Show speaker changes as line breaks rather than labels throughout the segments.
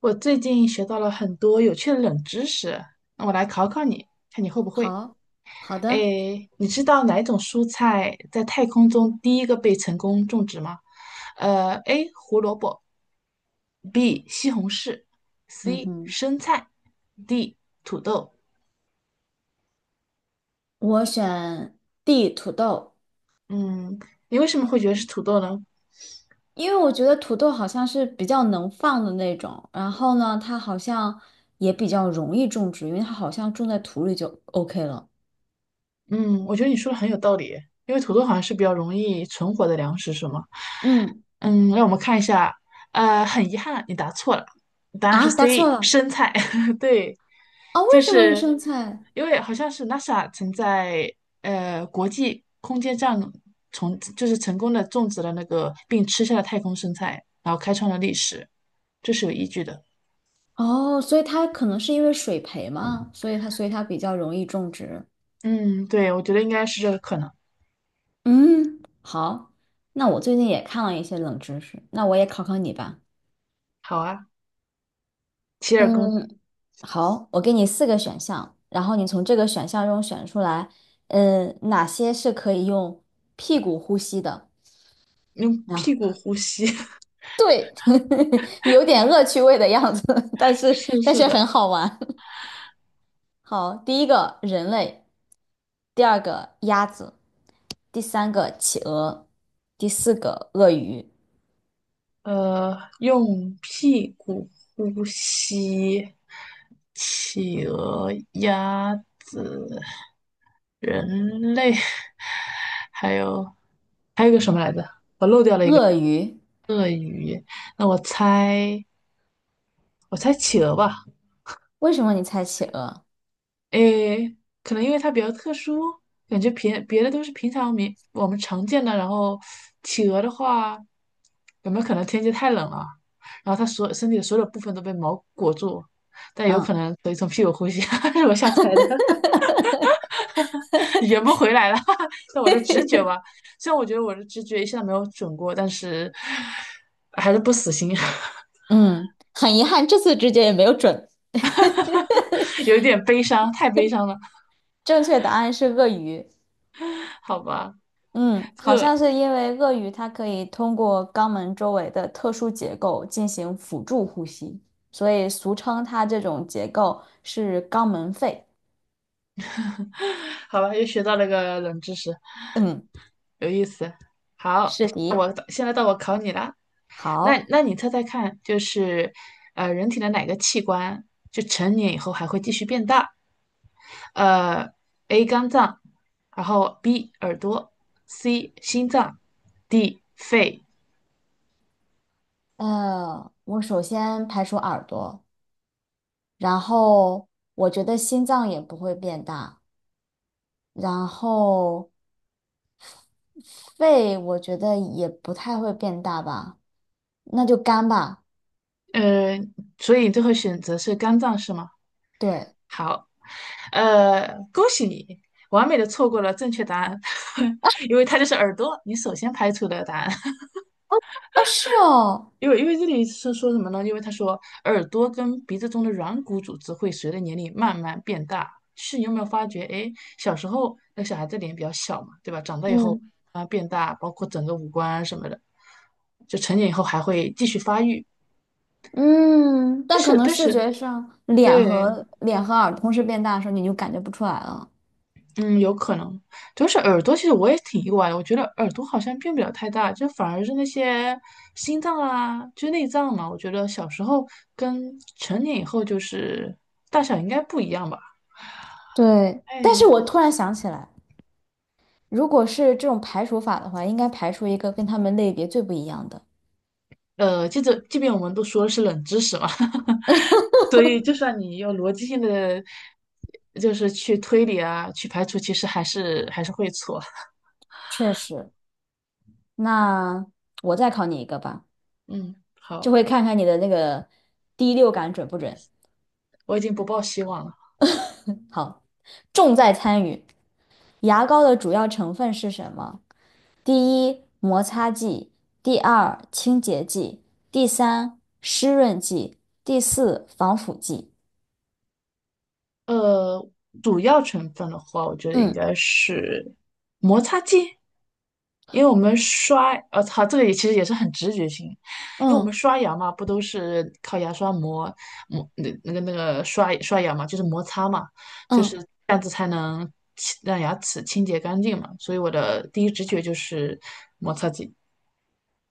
我最近学到了很多有趣的冷知识，那我来考考你，看你会不会。
好好的，
诶，你知道哪一种蔬菜在太空中第一个被成功种植吗？A. 胡萝卜，B. 西红柿
嗯
，C.
哼，
生菜，D. 土豆。
我选 D 土豆。
嗯，你为什么会觉得是土豆呢？
因为我觉得土豆好像是比较能放的那种，然后呢，它好像也比较容易种植，因为它好像种在土里就 OK 了。
嗯，我觉得你说的很有道理，因为土豆好像是比较容易存活的粮食，是吗？
嗯，
嗯，让我们看一下，很遗憾，你答错了，答案是
啊，答
C，
错了，
生菜。对，
哦，
就
为什么是
是
生菜？
因为好像是 NASA 曾在国际空间站从就是成功的种植了那个并吃下了太空生菜，然后开创了历史，这是有依据的。
哦，所以它可能是因为水培嘛，所以它比较容易种植。
嗯，对，我觉得应该是这个可能。
嗯，好，那我最近也看了一些冷知识，那我也考考你吧。
好啊，洗耳恭
嗯，好，我给你四个选项，然后你从这个选项中选出来，嗯，哪些是可以用屁股呼吸的？
听用屁股
啊，
呼吸。
对，有点恶趣味的样子，但是
是
但
是
是
的，
很好玩。好，第一个人类，第二个鸭子，第三个企鹅，第四个鳄鱼。
用屁股呼吸，企鹅、鸭子、人类，还有还有个什么来着？
鳄鱼。
鳄鱼。那我猜企鹅吧。
为什么你猜企鹅？
诶，可能因为它比较特殊，感觉平别的都是平常民我们常见的。然后企鹅的话，有没有可能天气太冷了，然后它所身体的所有部分都被毛裹住？但有
嗯
可能可以从屁股呼吸，是我瞎猜的，圆不回来了。那我的直觉吧，虽然我觉得我的直觉一向没有准过，但是还是不死心，
嗯，很遗憾，这次直觉也没有准。
有一点悲伤，太悲伤了，
正确答案是鳄鱼。
好吧，
嗯，好像是因为鳄鱼它可以通过肛门周围的特殊结构进行辅助呼吸，所以俗称它这种结构是肛门肺。
好吧，又学到了一个冷知识。
嗯，
有意思。好，
是的。
我现在到我考你了。那
好，
那你猜猜看，就是人体的哪个器官就成年以后还会继续变大？呃，A 肝脏，然后 B 耳朵，C 心脏，D 肺。
我首先排除耳朵，然后我觉得心脏也不会变大，然后肺我觉得也不太会变大吧，那就肝吧。
呃，所以最后选择是肝脏是吗？
对。
好，恭喜你，完美的错过了正确答案，因为它就是耳朵，你首先排除的答案。
哦，是哦，
因为这里是说什么呢？因为他说耳朵跟鼻子中的软骨组织会随着年龄慢慢变大。是你有没有发觉？哎，小时候那小孩子脸比较小嘛，对吧？长大以后
嗯。
啊变大，包括整个五官啊什么的，就成年以后还会继续发育。
嗯，
但
但可
是
能
但
视
是
觉上，脸
对
和脸和耳同时变大的时候，你就感觉不出来了。
嗯，有可能，主要是耳朵，其实我也挺意外的。我觉得耳朵好像变不了太大，就反而是那些心脏啊，就内脏嘛。我觉得小时候跟成年以后就是大小应该不一样吧。
对，但是
哎，
我
这
突然想起来，如果是这种排除法的话，应该排除一个跟他们类别最不一样的。
记着，即便我们都说的是冷知识嘛，所以就算你有逻辑性的，就是去推理啊，去排除，其实还是会错。
确实，那我再考你一个吧，
嗯，
这
好，
回看看你的那个第六感准不准。
我已经不抱希望了。
好，重在参与。牙膏的主要成分是什么？第一，摩擦剂；第二，清洁剂；第三，湿润剂；第四，防腐剂。
呃，主要成分的话，我觉得应
嗯
该是摩擦剂，因为我们刷，它这个也其实也是很直觉性，因为我们
嗯
刷牙嘛，不都是靠牙刷磨那个刷刷牙嘛，就是摩擦嘛，就是
嗯，
这样子才能清让牙齿清洁干净嘛，所以我的第一直觉就是摩擦剂。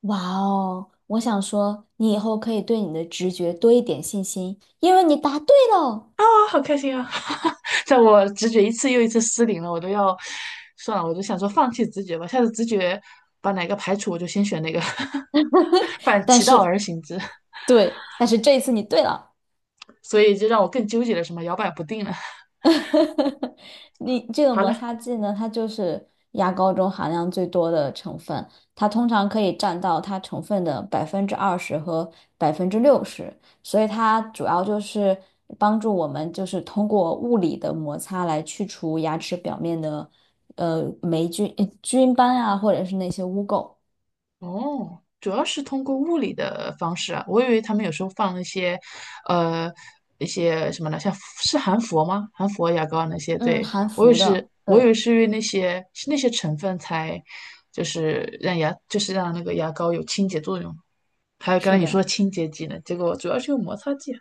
哇哦！我想说，你以后可以对你的直觉多一点信心，因为你答对了。
好开心啊！在我直觉一次又一次失灵了，我都要算了，我都想说放弃直觉吧，下次直觉把哪个排除，我就先选哪个，反
但
其道
是，
而行之，
对，但是这一次你对了。
所以就让我更纠结了，什么摇摆不定了。
你这个
好
摩
了，
擦剂呢，它就是牙膏中含量最多的成分，它通常可以占到它成分的百分之二十和百分之六十，所以它主要就是帮助我们就是通过物理的摩擦来去除牙齿表面的霉菌、菌斑啊，或者是那些污垢。
哦，主要是通过物理的方式啊，我以为他们有时候放那些，呃，一些什么呢，像是含氟吗？含氟牙膏啊那些，
嗯，
对，
含
我以为
氟
是，
的，
我以
对，
为是因为那些是那些成分才，就是让牙，就是让那个牙膏有清洁作用。还有刚才
是
你
的，
说的清洁剂呢，结果主要是用摩擦剂啊。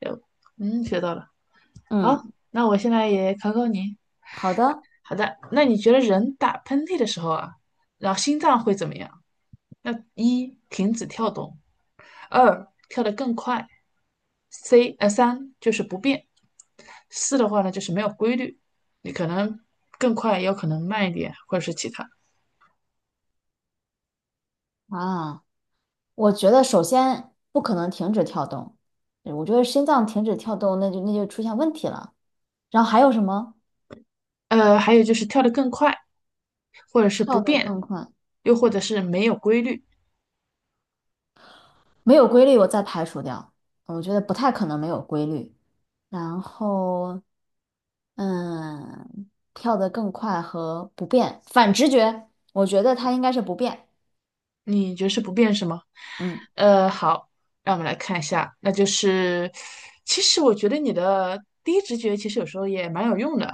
有，嗯，学到了。好，
嗯，
那我现在也考考你。
好的
好的，那你觉得人打喷嚏的时候啊，然后心脏会怎么样？那一停止跳动。二跳得更快，三就是不变，四的话呢就是没有规律，你可能更快，也有可能慢一点，或者是其他。
啊。我觉得首先不可能停止跳动，对我觉得心脏停止跳动，那就出现问题了。然后还有什么？
还有就是跳得更快，或者是
跳
不
得
变，
更快，
又或者是没有规律。
没有规律，我再排除掉。我觉得不太可能没有规律。然后，嗯，跳得更快和不变，反直觉，我觉得它应该是不变。
你觉得是不变是吗？
嗯
好，让我们来看一下，那就是其实我觉得你的第一直觉其实有时候也蛮有用的，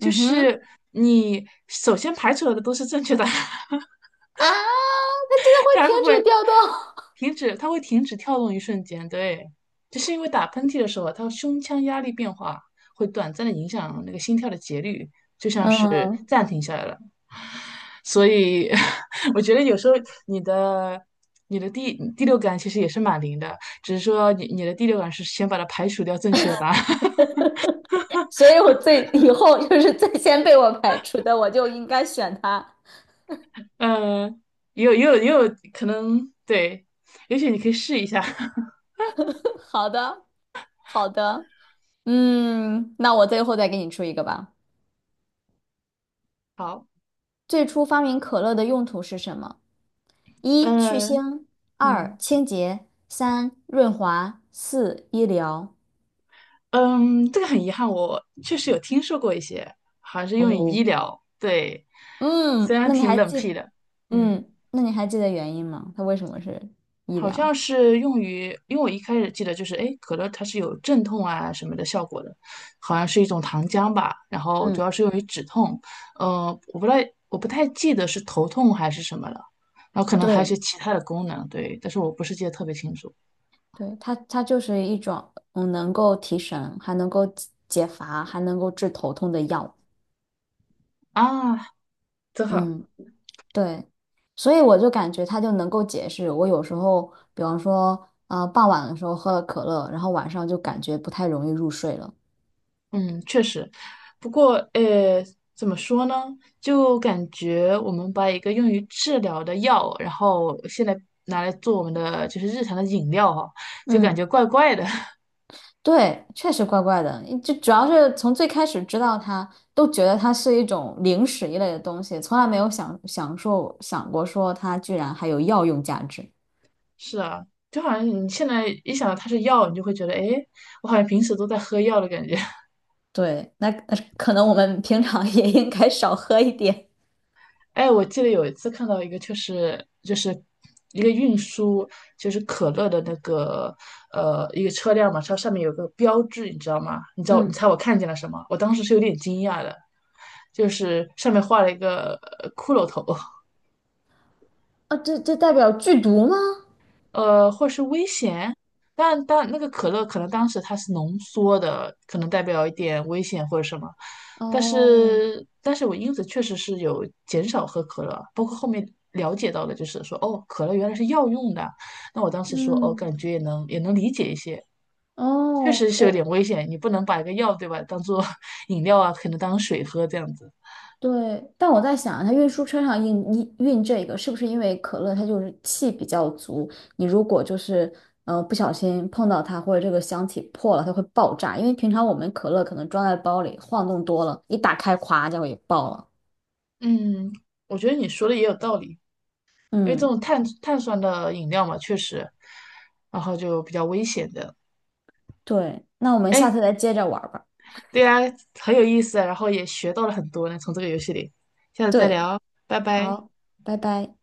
就
哼，
是你首先排除了的都是正确答案。
啊，它真的会
它
停
是
止
会
跳动。
它会停止跳动一瞬间，对，就是因为打喷嚏的时候，它胸腔压力变化会短暂的影响那个心跳的节律，是
嗯，
暂停下来了。所以 我觉得有时候你的你的第六感其实也是蛮灵的，只是说你的第六感是先把它排除掉正确的答案。
所以我最以后就是最先被我排除的，我就应该选它。
呃，也有可能对，也许你可以试一下。
好的，好的，嗯，那我最后再给你出一个吧。
好，
最初发明可乐的用途是什么？一、去
嗯
腥；二、
嗯。
清洁；三、润滑；四、医疗。
嗯，这个很遗憾，我确实有听说过一些，好像是用于医
哦，
疗，对，虽
嗯，
然
那你
挺
还
冷
记，
僻的，嗯，
嗯，那你还记得原因吗？它为什么是医
好像
疗？
是用于，因为我一开始记得就是，哎，可乐它是有镇痛啊什么的效果的，好像是一种糖浆吧，然后主
嗯，
要是用于止痛，呃，我不太我不太记得是头痛还是什么了，然后可能还有一些
对，
其他的功能，对，但是我不是记得特别清楚
对，它它就是一种嗯能够提神，还能够解解乏，还能够治头痛的药。
啊，真好。
嗯。对，所以我就感觉他就能够解释，我有时候，比方说，傍晚的时候喝了可乐，然后晚上就感觉不太容易入睡了。
嗯，确实，不过，怎么说呢？就感觉我们把一个用于治疗的药，然后现在拿来做我们的就是日常的饮料哈，就感
嗯
觉怪怪的。
对，确实怪怪的，就主要是从最开始知道它，都觉得它是一种零食一类的东西，从来没有想过说它居然还有药用价值。
是啊，就好像你现在一想到它是药，你就会觉得，哎，我好像平时都在喝药的感觉。
对，那可能我们平常也应该少喝一点。
哎，我记得有一次看到一个，就是一个运输，就是可乐的那个一个车辆嘛，它上面有个标志，你知道吗？你知道你
嗯
猜我看见了什么？我当时是有点惊讶的，就是上面画了一个骷髅头。
啊，这这代表剧毒吗？
或是危险。但那个可乐可能当时它是浓缩的，可能代表一点危险或者什么。但
哦。
是，但是我因此确实是有减少喝可乐，包括后面了解到的，就是说哦，可乐原来是药用的。那我当时说哦，感
嗯
觉也能理解一些，确
哦，
实是有点
我
危险，你不能把一个药对吧当做 饮料啊，可能当水喝这样子。
对，但我在想，它运输车上运这个，是不是因为可乐它就是气比较足？你如果就是不小心碰到它，或者这个箱体破了，它会爆炸。因为平常我们可乐可能装在包里，晃动多了，一打开，咵，就给爆了。
嗯，我觉得你说的也有道理。因为这
嗯，
种碳酸的饮料嘛，确实，然后就比较危险的。
对，那我们下次
哎，
再接着玩儿吧。
对啊，很有意思啊，然后也学到了很多呢，从这个游戏里。下次再
对，
聊，拜拜。
好，拜拜。